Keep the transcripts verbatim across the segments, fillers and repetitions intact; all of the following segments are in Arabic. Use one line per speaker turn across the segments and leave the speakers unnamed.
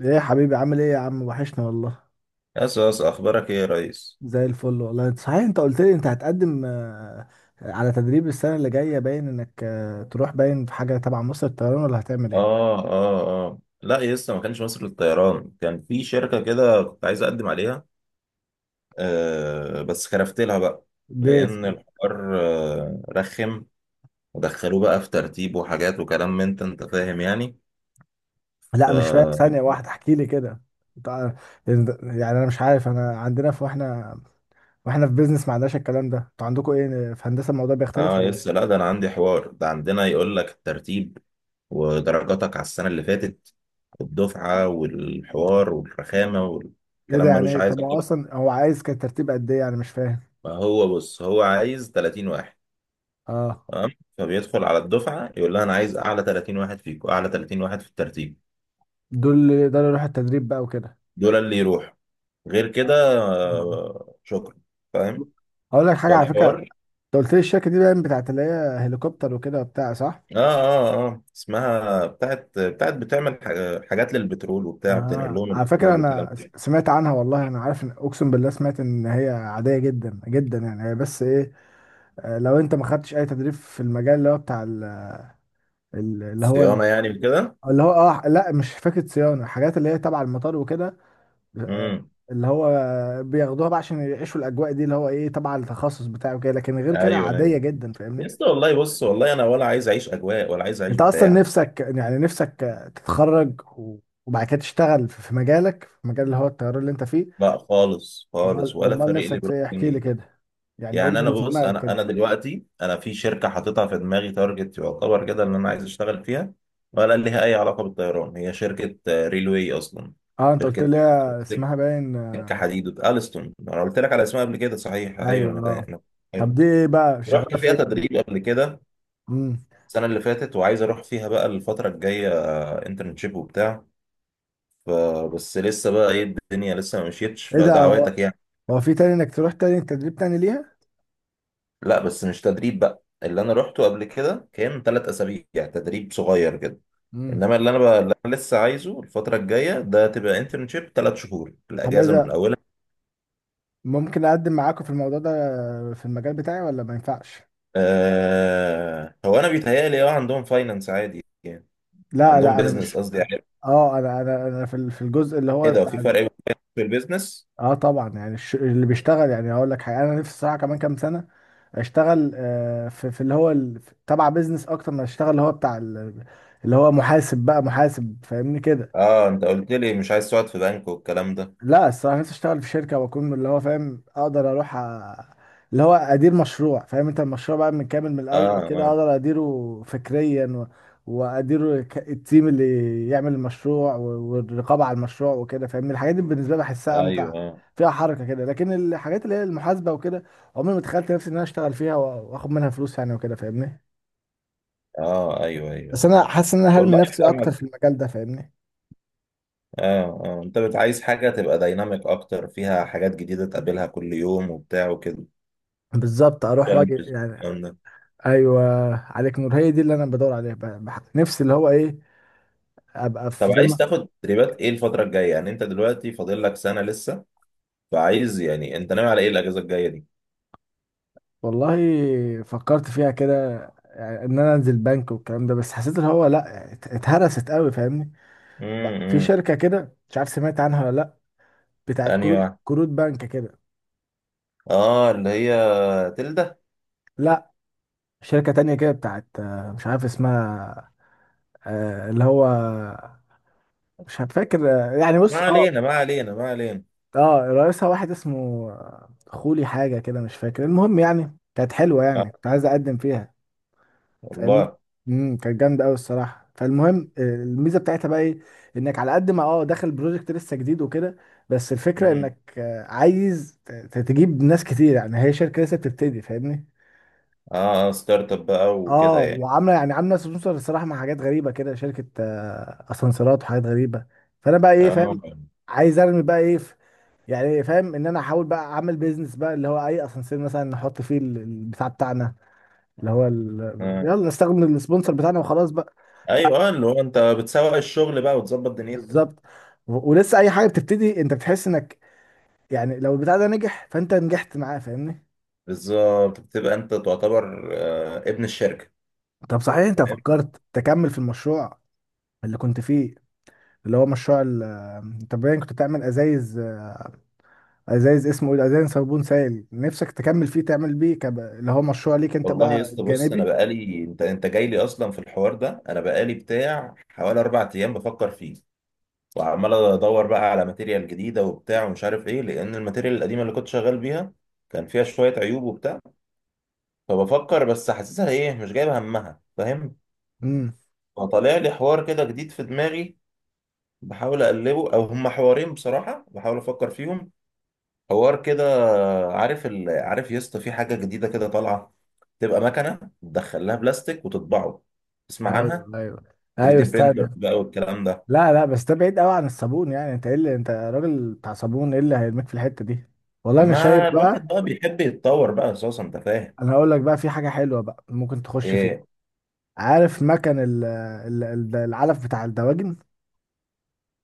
ايه يا حبيبي عامل ايه يا عم، وحشنا والله.
يس يس، اخبارك ايه يا ريس؟
زي الفل والله. انت صحيح انت قلت لي انت هتقدم آه، على تدريب السنة اللي جاية، باين انك آه، تروح، باين في حاجة تبع مصر الطيران ولا هتعمل ايه؟
اه اه اه، لا يس، ما كانش مصر للطيران. كان في شركه كده كنت عايز اقدم عليها. آه بس خرفت لها بقى.
ليه؟
لان الحوار آه رخم، ودخلوه بقى في ترتيب وحاجات وكلام من انت انت فاهم يعني.
لا مش فاهم،
ف
ثانية واحدة احكي لي كده. تع- يعني انا مش عارف، انا عندنا في، واحنا واحنا في بيزنس ما عندناش الكلام ده، انتوا عندكم ايه في هندسة؟ الموضوع بيختلف
اه
ولا
يس،
ايه؟
لا ده انا عندي حوار. ده عندنا يقول لك الترتيب ودرجاتك على السنه اللي فاتت والدفعه والحوار والرخامه
ايه ده
والكلام،
يعني
ملوش
إيه؟ طب
عايزه
هو
كده.
اصلا هو عايز كان ترتيب قد ايه؟ يعني مش فاهم.
ما هو بص، هو عايز ثلاثين واحد،
اه.
تمام. فبيدخل على الدفعه يقول لها انا عايز اعلى تلاتين واحد فيكم، اعلى تلاتين واحد في الترتيب.
دول ده اللي يروح التدريب بقى وكده.
دول اللي يروحوا. غير كده
آه.
آه، شكرا. فاهم.
هقول لك حاجه على فكره،
فالحوار...
انت قلت لي الشركه دي باين بتاعت اللي هي هليكوبتر وكده وبتاع، صح؟
اه اه اه اسمها بتاعت بتاعت بتعمل ح- حاجات للبترول وبتاع، بتنقل
آه
لهم
على فكره
البترول وكلام
انا س-
كده.
سمعت عنها والله، انا عارف ان، اقسم بالله سمعت ان هي عاديه جدا جدا يعني، هي بس ايه، آه، لو انت ما خدتش اي تدريب في المجال اللي هو بتاع ال- ال- اللي هو ال-
صيانه يعني وكده.
اللي هو اه لا مش فكره صيانه، حاجات اللي هي تبع المطار وكده، آه،
امم.
اللي هو بياخدوها بقى عشان يعيشوا الاجواء دي، اللي هو ايه تبع التخصص بتاعه كده، لكن غير كده
ايوه
عاديه
ايوه.
جدا
يا
فاهمني.
اسطى والله، بص، والله انا ولا عايز اعيش اجواء ولا عايز اعيش
انت اصلا
بتاع.
نفسك يعني نفسك تتخرج و- وبعد كده تشتغل في في مجالك، في مجال اللي هو الطيران اللي انت فيه.
لا خالص خالص،
امال
ولا
امال
فارق لي
نفسك في
بروح
ايه؟ احكي لي
منين.
كده، يعني قول
يعني
لي
انا
اللي في
بص،
دماغك
انا
كده.
انا دلوقتي انا في شركه حاططها في دماغي تارجت، يعتبر كده ان انا عايز اشتغل فيها، ولا ليها اي علاقه بالطيران. هي شركه آه، ريلوي اصلا.
اه انت قلت
شركه
لي اسمها باين.
سكه حديد الستون. انا قلت لك على اسمها قبل كده، صحيح؟ ايوه
ايوه
انا...
اه.
أنا-
طب
أيوة.
دي ايه بقى؟
رحت
شغاله في
فيها
ايه؟
تدريب قبل كده،
امم.
السنه اللي فاتت، وعايز اروح فيها بقى الفتره الجايه انترنشيب وبتاع. ف- بس لسه بقى ايه، الدنيا لسه ما مشيتش،
ايه ده؟ هو
فدعواتك يعني.
هو في تاني انك تروح تاني تدريب تاني ليها؟
لا بس مش تدريب بقى. اللي انا روحته قبل كده كان ثلاث اسابيع، يعني تدريب صغير كده.
امم.
انما اللي انا بقى اللي انا لسه عايزه الفتره الجايه ده، تبقى انترنشيب ثلاث شهور
طب ايه
الاجازه من
ده؟
اولها.
ممكن اقدم معاكم في الموضوع ده في المجال بتاعي ولا ما ينفعش؟
آه هو انا بيتهيألي اه عندهم فاينانس عادي يعني.
لا
عندهم
لا انا
بيزنس
مش،
قصدي يعني.
اه انا انا انا في ال- في الجزء اللي
ايه
هو
ده،
بتاع،
في فرق بين finance في البيزنس؟
اه طبعا يعني الش- اللي بيشتغل يعني، هقول لك حاجه، انا نفسي الصراحه كمان كام سنه اشتغل آه، في في اللي هو ال- تبع بيزنس اكتر ما اشتغل اللي هو بتاع ال- اللي هو محاسب بقى، محاسب فاهمني كده.
اه انت قلت لي مش عايز تقعد في بنك والكلام ده.
لا الصراحة نفسي اشتغل في شركة واكون اللي هو فاهم، اقدر اروح أ... اللي هو ادير مشروع، فاهم انت، المشروع بقى من كامل من
اه
الاول كده
اه.
اقدر اديره فكريا، و... واديره ك... التيم اللي يعمل المشروع، و... والرقابة على المشروع وكده فاهمني، الحاجات دي بالنسبة لي بحسها امتع،
ايوه. اه
فيها حركة كده، لكن الحاجات اللي هي المحاسبة وكده، عمري ما تخيلت نفسي ان انا اشتغل فيها و- واخد منها فلوس يعني وكده فاهمني.
اه. ايوه ايوه،
بس
أيوة.
انا حاسس ان انا هرمي
والله.
نفسي اكتر في المجال ده فاهمني.
اه اه انت بت- عايز حاجة تبقى دايناميك اكتر، فيها حاجات جديدة تقابلها كل يوم وبتاع وكده،
بالظبط، اروح واجي
challenges
يعني.
والكلام ده.
ايوه، عليك نور هي دي اللي انا بدور عليها، ب- بح- نفسي اللي هو ايه، ابقى
طب
في زي
عايز
ما.
تاخد تدريبات ايه الفترة الجاية؟ يعني انت دلوقتي فاضل لك سنة لسه. فعايز يعني، انت ناوي على ايه الاجازة الجاية دي؟
والله فكرت فيها كده، يعني ان انا انزل بنك والكلام ده، بس حسيت اللي هو لا يعني ات- اتهرست قوي فاهمني. ب- في
امم.
شركه كده مش عارف سمعت عنها ولا لا، بتاعت
انهي
كروت
واحد؟
كروت بنك كده.
اه اللي هي تلدة.
لا شركه تانية كده بتاعت آه، مش عارف اسمها، آه، اللي هو مش فاكر، آه، يعني
ما
بص اه.
علينا، ما علينا، ما علينا.
اه رئيسها واحد اسمه آه، خولي حاجه كده مش فاكر، المهم يعني كانت حلوه
اه
يعني، كنت عايز اقدم فيها فاهمني.
والله.
امم. كانت جامده قوي الصراحه، فالمهم آه، الميزه بتاعتها بقى ايه؟ انك على قد ما اه داخل بروجكت لسه جديد وكده، بس الفكره
امم.
انك آه، عايز ت- ت- تجيب ناس كتير يعني، هي شركه لسه بتبتدي فاهمني.
اه، ستارت اب بقى
اه
وكده يعني.
وعامله يعني عامله سبونسر الصراحه مع حاجات غريبه كده، شركه آه، اسانسيرات وحاجات غريبه، فانا بقى ايه
اه
فاهم، عايز ارمي بقى ايه في، يعني إيه، فاهم ان انا احاول بقى اعمل بيزنس بقى اللي هو اي اسانسير مثلا نحط فيه ال- البتاع بتاعنا اللي هو ال...
اه.
يلا نستخدم السبونسر بتاعنا وخلاص بقى.
ايوه آه، اللي هو انت بتسوق الشغل بقى وتظبط دنيتك.
بالظبط. و- ولسه اي حاجه بتبتدي انت بتحس انك يعني، لو البتاع ده نجح فانت نجحت معاه فاهمني.
بالظبط، بتبقى انت تعتبر آه، ابن الشركه.
طب صحيح انت
فاهم.
فكرت تكمل في المشروع اللي كنت فيه، اللي هو مشروع ال- انت باين كنت بتعمل ازايز، ازايز اسمه ايه، ازايز صابون سائل، نفسك تكمل فيه تعمل بيه كب... اللي هو مشروع ليك انت
والله يا
بقى
اسطى بص، انا
الجانبي.
بقالي... انت انت جاي لي اصلا في الحوار ده. انا بقالي بتاع حوالي اربع ايام بفكر فيه، وعمال ادور بقى على ماتيريال جديده وبتاع ومش عارف ايه، لان الماتيريال القديمه اللي كنت شغال بيها كان فيها شويه عيوب وبتاع. فبفكر بس، حاسسها ايه، مش جايبه همها، فاهم.
امم.
فطالع لي حوار كده جديد في دماغي، بحاول اقلبه، او هما حوارين بصراحه بحاول افكر فيهم. حوار كده، عارف ال... عارف يا اسطى، في حاجه جديده كده طالعه، تبقى مكنه تدخل لها بلاستيك وتطبعه، تسمع عنها؟
ايوه ايوه،
تلاته
ايوه
دي برينتر
استنى.
بقى والكلام ده.
لا لا بس ده بعيد قوي عن الصابون يعني، انت ايه اللي انت راجل بتاع صابون، ايه اللي هيرميك في الحته دي؟ والله انا شايف
ما الواحد
بقى،
بقى بيحب يتطور بقى اساسا، انت فاهم.
انا هقول لك بقى في حاجه حلوه بقى ممكن تخش فيها.
ايه؟
عارف مكن ال- ال- ال- العلف بتاع الدواجن؟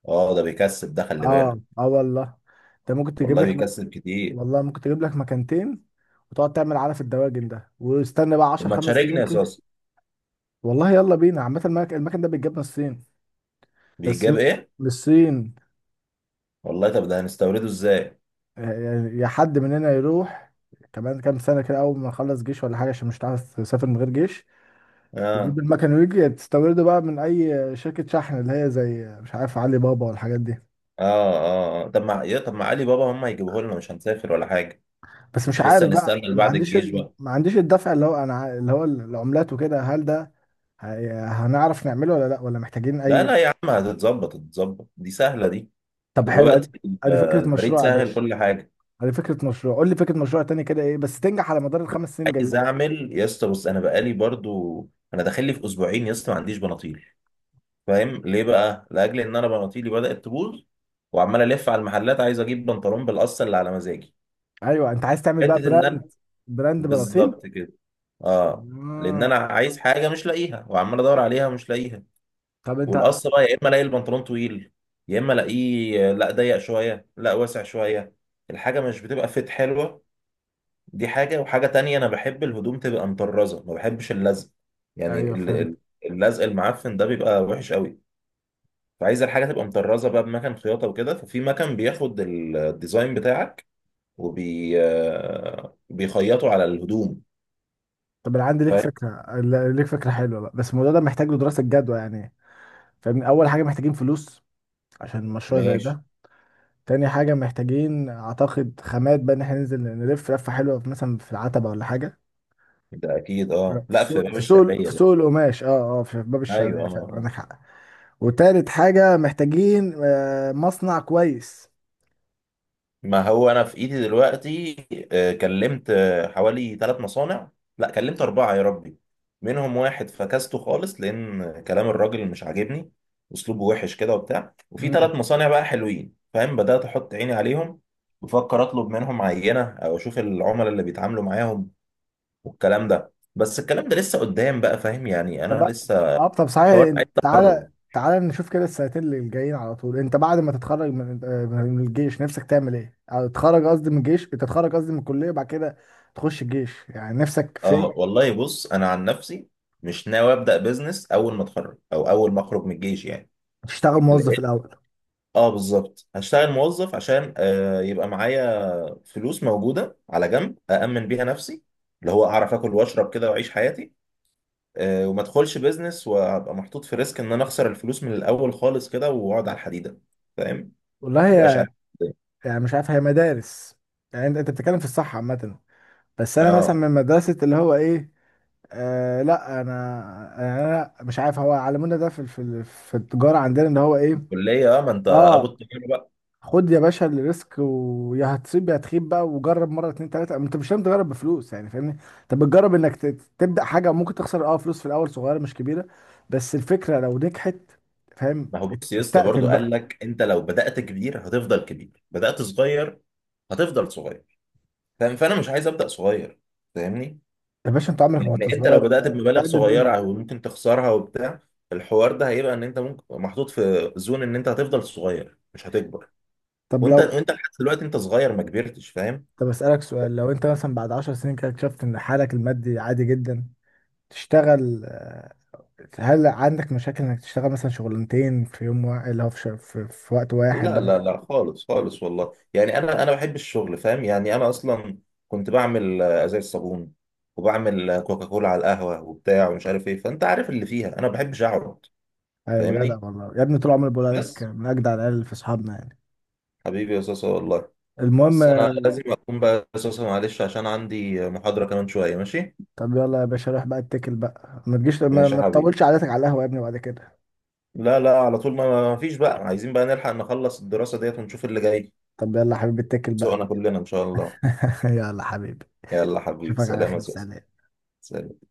اه ده بيكسب، ده خلي
اه
بالك.
اه والله. انت ممكن تجيب
والله
لك مك...
بيكسب كتير.
والله ممكن تجيب لك مكانتين، وتقعد تعمل علف الدواجن ده، واستنى بقى
طب
عشر
ما
خمس
تشاركني
سنين
يا
كده.
اساسا.
والله يلا بينا. عامه المك... المكن ده بيتجاب من الصين. بس
بيجاب
م...
ايه؟
من الصين.
والله، طب ده هنستورده ازاي؟
آه، يعني يا حد مننا يروح كمان كام سنه كده، اول ما نخلص جيش ولا حاجه عشان مش هتعرف تسافر من غير جيش، تجيب
اه
المكن، ويجي تستورده بقى من اي شركه شحن اللي هي زي مش عارف علي بابا والحاجات دي.
اه اه. آه. طب ما، يا طب ما، علي بابا هم هيجيبوه لنا، مش هنسافر ولا حاجه.
بس مش
مش لسه
عارف
هنستنى
بقى ما
لبعد
عنديش
الجيش؟
ال... ما عنديش الدفع اللي هو انا ع- اللي هو العملات وكده، هل ده هي- هنعرف نعمله ولا لا، ولا محتاجين
لا
اي.
لا يا عم، هتتظبط هتتظبط، دي سهله دي.
طب حلو،
دلوقتي
ادي
ال-
أدي فكرة
البريد
مشروع يا
سهل،
باشا،
كل حاجه.
ادي فكرة مشروع، قول لي فكرة مشروع تاني كده ايه بس تنجح على مدار الخمس سنين
عايز
جايين.
اعمل يا اسطى بص. انا بقالي برضو، انا داخل لي في اسبوعين يا اسطى ما عنديش بناطيل. فاهم ليه بقى؟ لاجل ان انا بناطيلي بدات تبوظ، وعمال الف على المحلات عايز اجيب بنطلون بالقصه اللي على مزاجي.
ايوه انت عايز تعمل بقى
حته ان انا...
براند، براند بلاطيل.
بالظبط كده. اه، لان انا
آه.
عايز حاجه مش لاقيها، وعمال ادور عليها ومش لاقيها.
طب انت.
والقص بقى، يا اما الاقي البنطلون طويل، يا اما الاقيه لا ضيق شويه لا واسع شويه، الحاجه مش بتبقى فيت حلوه. دي حاجه. وحاجه تانية، انا بحب الهدوم تبقى مطرزه، ما بحبش اللزق. يعني
ايوه
ال- ال-
فهمت.
اللزق المعفن ده بيبقى وحش قوي. فعايز الحاجه تبقى مطرزه بقى بمكان خياطه وكده. ففي مكان بياخد ال- الديزاين بتاعك، وبي آه، بيخيطه على الهدوم.
طب انا عندي ليك
فاهم.
فكرة ل- ليك فكرة حلوة بقى، بس الموضوع ده محتاج له دراسة جدوى يعني فاهمني، اول حاجة محتاجين فلوس عشان مشروع زي
ماشي.
ده. تاني حاجة محتاجين أعتقد خامات بقى، إن إحنا ننزل نلف لفة حلوة في- مثلا في العتبة ولا حاجة،
ده اكيد اه.
في
لا في
سوق
باب
في سوق
الشعريه
في
بقى.
سوق القماش، أه أه في باب
ايوه
الشعلية
اه.
فعلا
آه.
عندك حق. وتالت حاجة محتاجين آه، مصنع كويس.
ما هو انا في ايدي دلوقتي. آه، كلمت آه، حوالي ثلاث مصانع. لا كلمت اربعه، يا ربي. منهم واحد فكسته خالص لان كلام الراجل مش عاجبني، اسلوبه وحش كده وبتاع. وفي
مم.
ثلاث مصانع بقى حلوين، فاهم، بدات احط عيني عليهم. بفكر اطلب منهم عينه، او اشوف العملاء اللي بيتعاملوا معاهم والكلام ده. بس الكلام ده لسه قدام بقى، فاهم يعني. انا
طب.
لسه...
أه طب
حوار
صحيح،
عايز
تعالى
تخرج.
تعالى نشوف كده السنتين اللي جايين على طول، أنت بعد ما تتخرج من آه، من الجيش نفسك تعمل إيه؟ أو تتخرج قصدي من الجيش، انت تتخرج قصدي من الكلية بعد كده تخش الجيش يعني، نفسك في
اه
إيه؟
والله بص، انا عن نفسي مش ناوي ابدا بزنس اول ما اتخرج، او اول ما اخرج من الجيش يعني.
تشتغل موظف
لقيت.
الأول؟
اه بالظبط، هشتغل موظف عشان آه يبقى معايا فلوس موجوده على جنب، أأمن بيها نفسي، اللي هو اعرف اكل واشرب كده واعيش حياتي. آه وما ادخلش بيزنس وابقى محطوط في ريسك ان انا اخسر الفلوس من الاول خالص كده، واقعد على الحديده. فاهم.
والله
ما بقاش عارف إزاي.
يعني مش عارف، هي مدارس يعني، انت انت بتتكلم في الصح عامة، بس انا مثلا
اه.
من مدرسة اللي هو ايه، آه لا انا يعني انا مش عارف، هو علمونا ده في في في التجارة عندنا اللي هو ايه،
الكليه اه، ما انت ابو
اه.
التجارة بقى.
خد يا باشا الريسك، ويا هتصيب يا هتخيب بقى، وجرب مرة اتنين تلاتة، انت مش لازم تجرب بفلوس يعني فاهمني، انت بتجرب انك ت- تبدأ حاجة، ممكن تخسر اه فلوس في الاول صغيرة مش كبيرة، بس الفكرة لو نجحت فاهم
ما هو
ات-
بص يا اسطى،
استقتل
برضه قال
بقى.
لك انت لو بدأت كبير هتفضل كبير، بدأت صغير هتفضل صغير. فاهم. فانا مش عايز أبدأ صغير. فاهمني.
يا باشا انت عمرك ما كنت
يعني انت لو
صغير، انت
بدأت
انت
بمبالغ
قد الدنيا.
صغيرة وممكن تخسرها وبتاع، الحوار ده هيبقى ان انت ممكن محطوط في زون ان انت هتفضل صغير مش هتكبر.
طب
وانت
لو،
وانت لحد دلوقتي انت صغير ما كبرتش، فاهم.
طب أسألك سؤال، لو أنت مثلا بعد عشر سنين كده اكتشفت إن حالك المادي عادي جدا، تشتغل آه، هل عندك مشاكل إنك تشتغل مثلا شغلانتين في يوم واحد اللي هو في, ش- في, في وقت واحد
لا لا
بقى؟
لا خالص خالص والله، يعني انا انا بحب الشغل، فاهم يعني. انا اصلا كنت بعمل آه، ازايز صابون، وبعمل آه، كوكاكولا على القهوة وبتاع ومش عارف ايه، فانت عارف اللي فيها انا ما بحبش اقعد.
أيوة جدع
فاهمني.
والله يا ابني، طول عمري بقول عليك
بس.
من أجدع العيال في أصحابنا يعني.
حبيبي يا صاصة والله.
المهم.
بس انا لازم اقوم بقى يا صاصة، معلش، عشان عندي محاضرة كمان شوية، ماشي.
طب يلا يا باشا روح بقى اتكل بقى، ما تجيش، ما,
ماشي يا
ما
حبيبي.
تطولش قعدتك على القهوة يا ابني بعد كده.
لا لا، على طول، ما ما فيش بقى، عايزين بقى نلحق نخلص الدراسة ديت ونشوف اللي جاي.
طب يلا يا حبيبي اتكل بقى.
ذوقنا كلنا إن شاء الله.
يلا حبيبي،
يلا حبيبي
اشوفك على
سلام يا
خير،
سوسن.
سلام.
سلام.